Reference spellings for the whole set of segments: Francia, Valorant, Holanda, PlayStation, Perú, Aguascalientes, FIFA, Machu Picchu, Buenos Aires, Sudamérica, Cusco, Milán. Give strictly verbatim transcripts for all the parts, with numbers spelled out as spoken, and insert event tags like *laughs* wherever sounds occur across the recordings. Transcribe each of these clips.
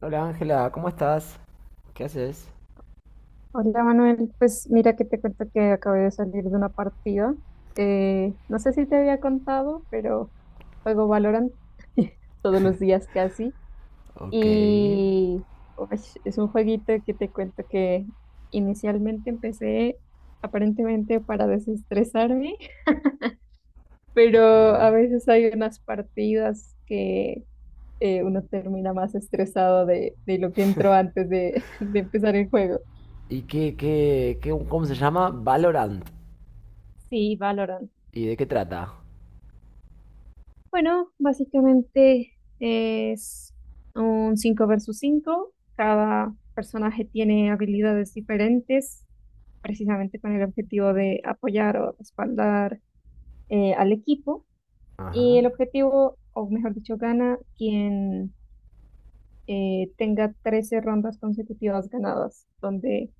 Hola Ángela, ¿cómo estás? ¿Qué haces? Hola Manuel, pues mira que te cuento que acabé de salir de una partida. Eh, no sé si te había contado, pero juego Valorant *laughs* todos los días casi. Ok, Y uy, es un jueguito que te cuento que inicialmente empecé aparentemente para desestresarme, *laughs* ok. pero a veces hay unas partidas que eh, uno termina más estresado de, de lo que entró antes de, *laughs* de empezar el juego. ¿Y qué, qué, qué, cómo se llama? Valorant. Sí, Valorant. ¿Y de qué trata? Bueno, básicamente es un cinco versus cinco. Cada personaje tiene habilidades diferentes, precisamente con el objetivo de apoyar o respaldar eh, al equipo. Y el Ajá, objetivo, o mejor dicho, gana quien eh, tenga trece rondas consecutivas ganadas, donde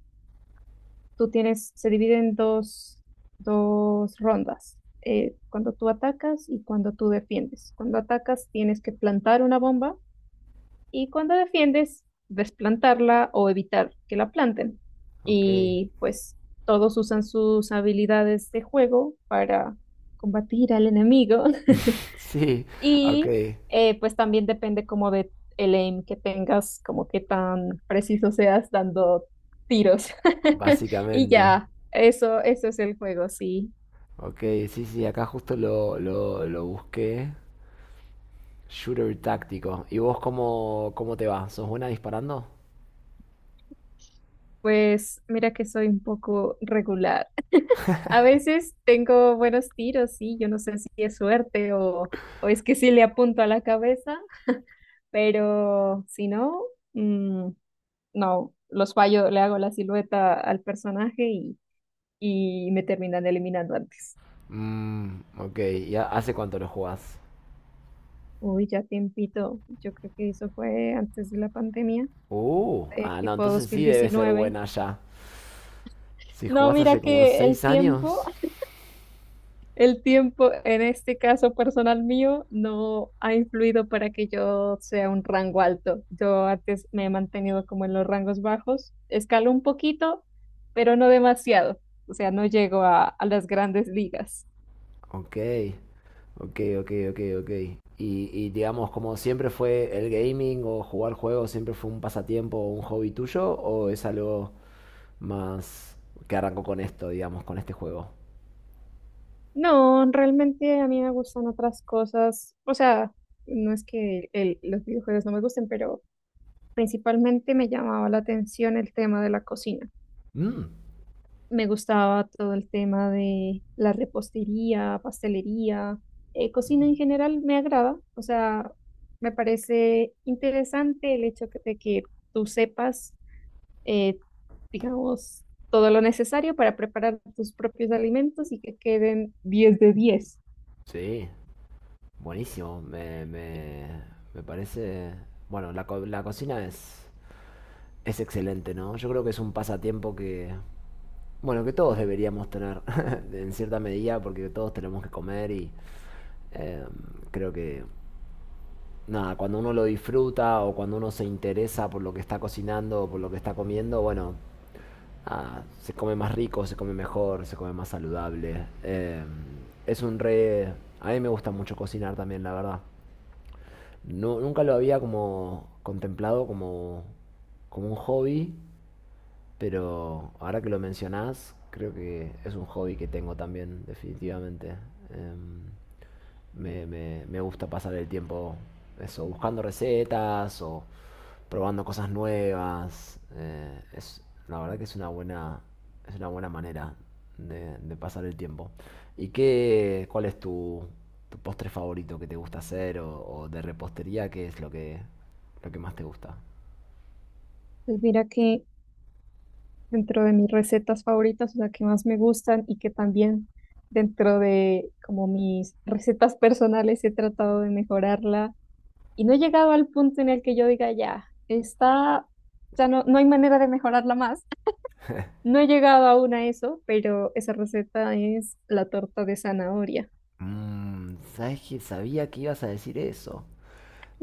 tú tienes, se divide en dos, dos rondas eh, cuando tú atacas y cuando tú defiendes. Cuando atacas tienes que plantar una bomba y cuando defiendes, desplantarla o evitar que la planten. ok. Y pues todos usan sus habilidades de juego para combatir al enemigo. *laughs* *laughs* Sí, ok, Y eh, pues también depende como de el aim que tengas, como qué tan preciso seas dando tiros. *laughs* Y básicamente. ya, eso, eso es el juego, sí. Ok, sí, sí, acá justo lo, lo, lo busqué. Shooter táctico. ¿Y vos cómo, cómo te va? ¿Sos buena disparando? Pues mira que soy un poco regular. A veces tengo buenos tiros, sí, yo no sé si es suerte o, o es que sí le apunto a la cabeza, pero si no, mm, no, los fallo, le hago la silueta al personaje y, y me terminan eliminando antes. Mmm, ok. ¿Y ha- hace cuánto lo jugás? Uy, ya tiempito, yo creo que eso fue antes de la pandemia, Uh, eh, ah, no, tipo dos entonces mil sí debe ser diecinueve. buena ya. Si No, jugás hace mira como que el seis tiempo años. el tiempo, en este caso personal mío, no ha influido para que yo sea un rango alto. Yo antes me he mantenido como en los rangos bajos. Escalo un poquito, pero no demasiado. O sea, no llego a, a las grandes ligas. Ok, ok, ok, ok, ok. Y, y digamos, como siempre fue el gaming o jugar juegos, siempre fue un pasatiempo o un hobby tuyo, o es algo más que arrancó con esto, digamos, con este juego. No, realmente a mí me gustan otras cosas. O sea, no es que el- los videojuegos no me gusten, pero principalmente me llamaba la atención el tema de la cocina. Mm, Me gustaba todo el tema de la repostería, pastelería, eh, cocina mm, en general me agrada. O sea, me parece interesante el hecho que- de que tú sepas, eh, digamos, todo lo necesario para preparar tus propios alimentos y que queden diez de diez. sí, buenísimo. Me, me, me parece... Bueno, la, co- la cocina es, es excelente, ¿no? Yo creo que es un pasatiempo que... Bueno, que todos deberíamos tener *laughs* en cierta medida porque todos tenemos que comer y eh, creo que nada, cuando uno lo disfruta o cuando uno se interesa por lo que está cocinando o por lo que está comiendo, bueno, ah, se come más rico, se come mejor, se come más saludable. Eh, es un re... A mí me gusta mucho cocinar también, la verdad. Nu- nunca lo había como contemplado como, como un hobby, pero ahora que lo mencionás, creo que es un hobby que tengo también, definitivamente. Em, me, me- me gusta pasar el tiempo eso, buscando recetas o probando cosas nuevas. Eh, es, la verdad que es una buena, es una buena manera de, de pasar el tiempo. ¿Y qué, cuál es tu, tu postre favorito que te gusta hacer o, o de repostería? ¿Qué es lo que, lo que más te gusta? Pues mira que dentro de mis recetas favoritas, o sea, que más me gustan y que también dentro de como mis *laughs* recetas personales he tratado de mejorarla y no he llegado al punto en el que yo diga ya, está, ya no, no hay manera de mejorarla más. No he llegado aún a eso, pero esa receta es la torta de zanahoria. Mm, ¿sabes qué? Sabía que ibas a decir eso.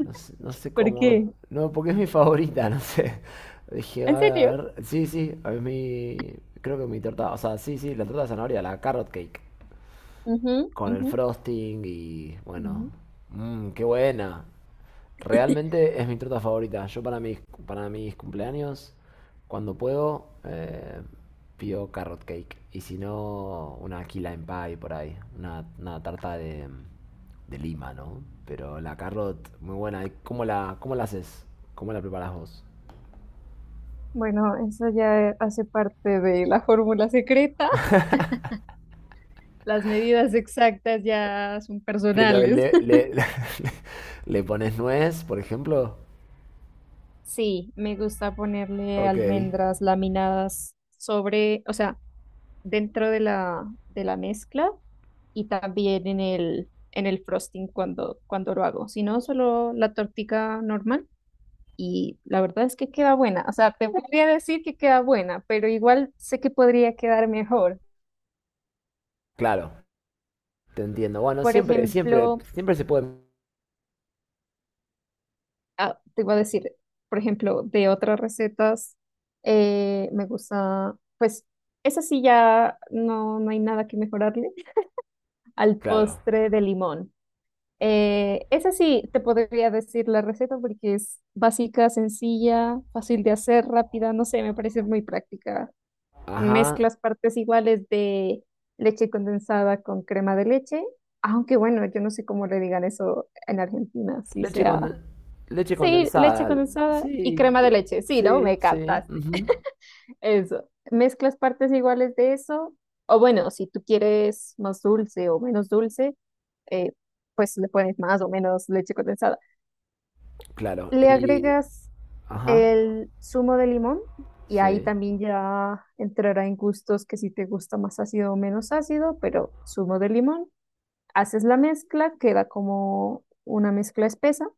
No sé, no sé ¿Por cómo. qué? No, porque es mi favorita, *laughs* no sé. Dije, ¿En "Va, a serio? ver. Sí, sí, es mi. Creo que mi torta". O sea, sí, sí, la torta de zanahoria, la carrot cake Ujú, con el ujú, frosting y bueno, ujú. mmm, qué buena. Realmente es mi torta favorita. Yo para mis, para mis cumpleaños, cuando puedo, eh, pido carrot cake. Y si no, una key lime pie por ahí. Una, una tarta de, de lima, ¿no? Pero la carrot, muy buena. ¿Y ¿Cómo la, cómo la haces? ¿Cómo la preparas vos? Bueno, eso ya hace parte de la fórmula secreta. Las medidas exactas ya son Pero personales. le, le, *laughs* le pones nuez, por ejemplo. Sí, me gusta ponerle Ok. almendras laminadas sobre, o sea, dentro de la, de la mezcla y también en el, en el frosting cuando, cuando lo hago. Si no, solo la tortica normal y la verdad es que queda buena. O sea, te podría decir que queda buena, pero igual sé que podría quedar mejor. Claro. Te entiendo. Bueno, Por siempre, siempre, ejemplo, siempre se puede. ah, te iba a decir, por ejemplo, de otras recetas, eh, me gusta, pues, esa sí ya no, no hay nada que mejorarle *laughs* al Claro. postre de limón. Eh, esa sí te podría decir la receta porque es básica, sencilla, fácil de hacer, rápida, no sé, me parece muy práctica. Ajá. Mezclas partes iguales de leche condensada con crema de leche, aunque bueno, yo no sé cómo le digan eso en Argentina, si Leche sea. conden- leche Sí, leche condensada. condensada y Sí, crema de eh, leche. Sí, ¿no? sí, Me sí. captaste. Ujú. Eso. Mezclas partes iguales de eso. O bueno, si tú quieres más dulce o menos dulce, eh, pues le pones más o menos leche condensada. Claro. Le Y. agregas Ajá. el zumo de limón y ahí Sí. también ya entrará en gustos que si te gusta más ácido o menos ácido, pero zumo de limón. Haces la mezcla, queda como una mezcla espesa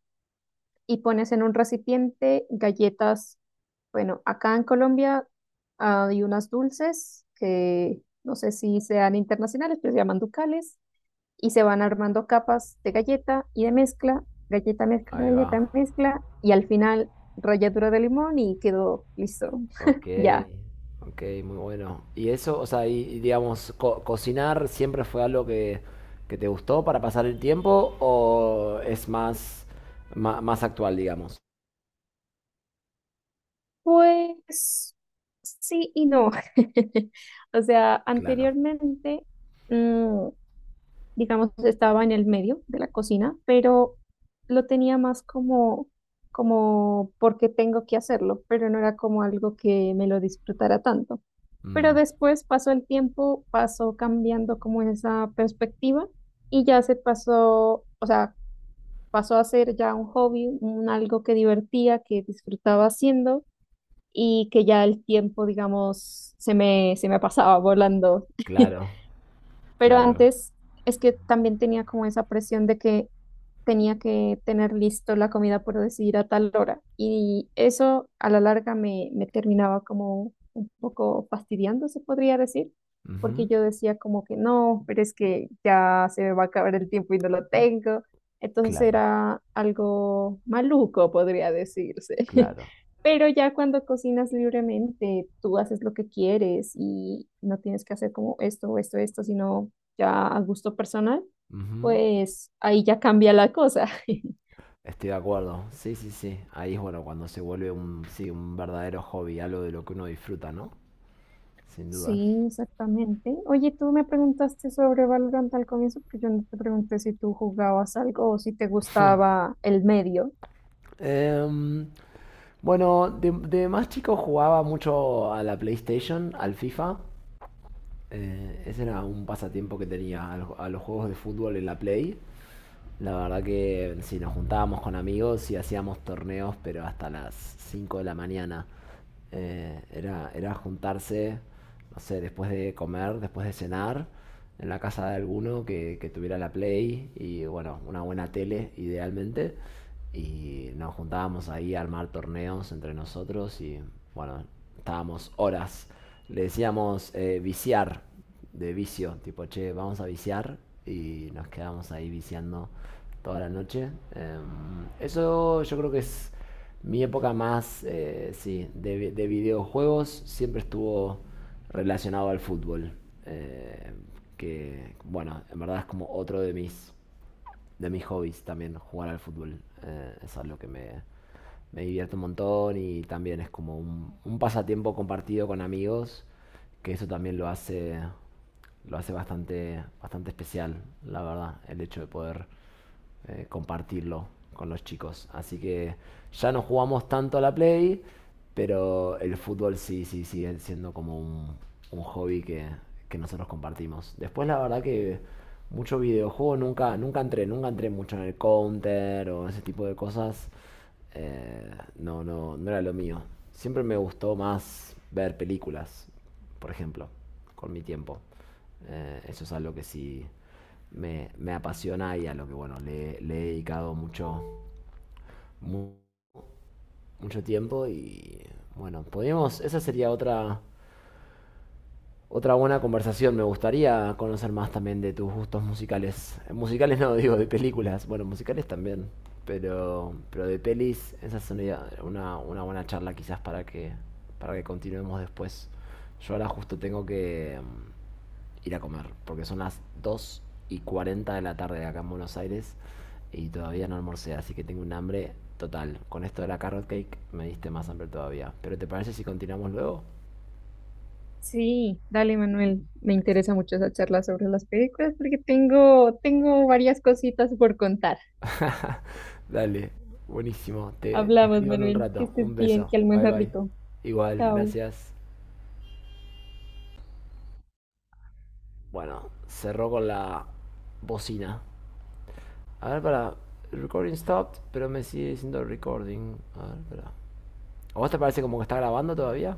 y pones en un recipiente galletas. Bueno, acá en Colombia hay unas dulces que no sé si sean internacionales, pero se llaman ducales y se van armando capas de galleta y de mezcla, galleta, mezcla, Ahí va. galleta, mezcla y al final ralladura de limón y quedó listo. Ok. *laughs* Ya. Ok, muy bueno. Y eso, o sea, y, y digamos, co- cocinar siempre fue algo que, que te gustó para pasar el tiempo o es más, ma- más, actual, digamos. Pues sí y no. *laughs* O sea, Claro. anteriormente... mm, digamos, estaba en el medio de la cocina, pero lo tenía más como, como porque tengo que hacerlo, pero no era como algo que me lo disfrutara tanto. Pero Mm, después pasó el tiempo, pasó cambiando como esa perspectiva y ya se pasó, o sea, pasó a ser ya un hobby, un algo que divertía, que disfrutaba haciendo y que ya el tiempo, digamos, se me, se me pasaba volando. *laughs* claro. Pero Claro. antes es que también tenía como esa presión de que tenía que tener listo la comida, por decir, a tal hora. Y eso a la larga me, me terminaba como un poco fastidiando, se podría decir, porque Ujú. yo decía como que no, pero es que ya se me va a acabar el tiempo y no lo tengo. Entonces Claro. era algo maluco, podría decirse. *laughs* Claro, Pero ya cuando cocinas libremente, tú haces lo que quieres y no tienes que hacer como esto o esto, esto, sino ya a gusto personal ujú. pues ahí ya cambia la cosa. *laughs* Estoy de acuerdo. Sí, sí, sí. Ahí es bueno cuando se vuelve un, sí, un verdadero hobby, algo de lo que uno disfruta, ¿no? Sin dudas. Sí, exactamente. Oye, tú me preguntaste sobre Valorant al comienzo, pero yo no te pregunté si tú jugabas algo o si te gustaba el medio. Em, bueno, de, de más chico jugaba mucho a la PlayStation, al FIFA. Eh, ese era un pasatiempo que tenía, al- a los juegos de fútbol en la Play. La verdad que si nos juntábamos con amigos y hacíamos torneos, pero hasta las cinco de la mañana. Eh, era, era juntarse, no sé, después de comer, después de cenar, en la casa de alguno que, que tuviera la Play y, bueno, una buena tele, idealmente. Y nos juntábamos ahí a armar torneos entre nosotros y, bueno, estábamos horas. Le decíamos eh, viciar de vicio, tipo, che, vamos a viciar y nos quedamos ahí viciando toda la noche. Em, eso yo creo que es mi época más, eh, sí, de, vi- de videojuegos, siempre estuvo relacionado al fútbol, eh, que bueno, en verdad es como otro de mis de mis hobbies también, jugar al fútbol. Eh, es algo que me, me divierte un montón y también es como un, un pasatiempo compartido con amigos, que eso también lo hace, lo hace bastante, bastante especial, la verdad, el hecho de poder eh, compartirlo con los chicos. Así que ya no jugamos tanto a la Play, pero el fútbol sí, sí, sigue siendo como un, un hobby que, que nosotros compartimos. Después la verdad que mucho videojuego nunca, nunca entré, nunca entré mucho en el counter o ese tipo de cosas. Eh, no, no, no era lo mío. Siempre me gustó más ver películas, por ejemplo, con mi tiempo. Eh, eso es algo que sí me, me apasiona y a lo que bueno, le, le he dedicado mucho, mucho tiempo y bueno, podríamos, esa sería otra, otra buena conversación. Me gustaría conocer más también de tus gustos musicales. Eh, Musicales no, *laughs* digo, de películas. Bueno, musicales también, pero, pero de pelis, esa sería una, una buena charla quizás para que, para que continuemos después. Yo ahora justo tengo que... mm, ir a comer, porque son las dos y cuarenta de la tarde acá en Buenos Aires y todavía no almorcé, así que tengo un hambre total. Con esto de la carrot cake me diste más hambre todavía. ¿Pero te parece si continuamos luego? Sí, dale, Manuel. Me interesa mucho esa charla sobre las películas porque tengo, tengo varias cositas por contar. Dale, buenísimo. Te, te Hablamos, escribo en un Manuel. Que rato. Un estés bien, beso. que Bye almuerces bye. rico. Igual, Chao. gracias. Bueno, cerró con la bocina. A ver, para. Recording stopped, pero me sigue diciendo recording. A ver, para. ¿A vos te parece como que está grabando todavía?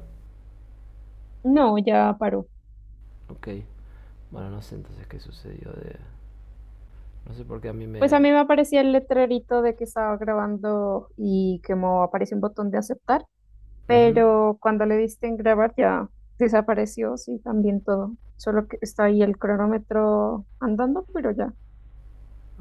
No, ya paró. Ok. Bueno, no sé entonces qué sucedió de... No sé por qué a mí Pues me... a mí me aparecía el letrerito de que estaba grabando y que me aparece un botón de aceptar. Ujú. Pero cuando le diste en grabar ya desapareció, sí, también todo. Solo que está ahí el cronómetro andando, pero ya. Ok.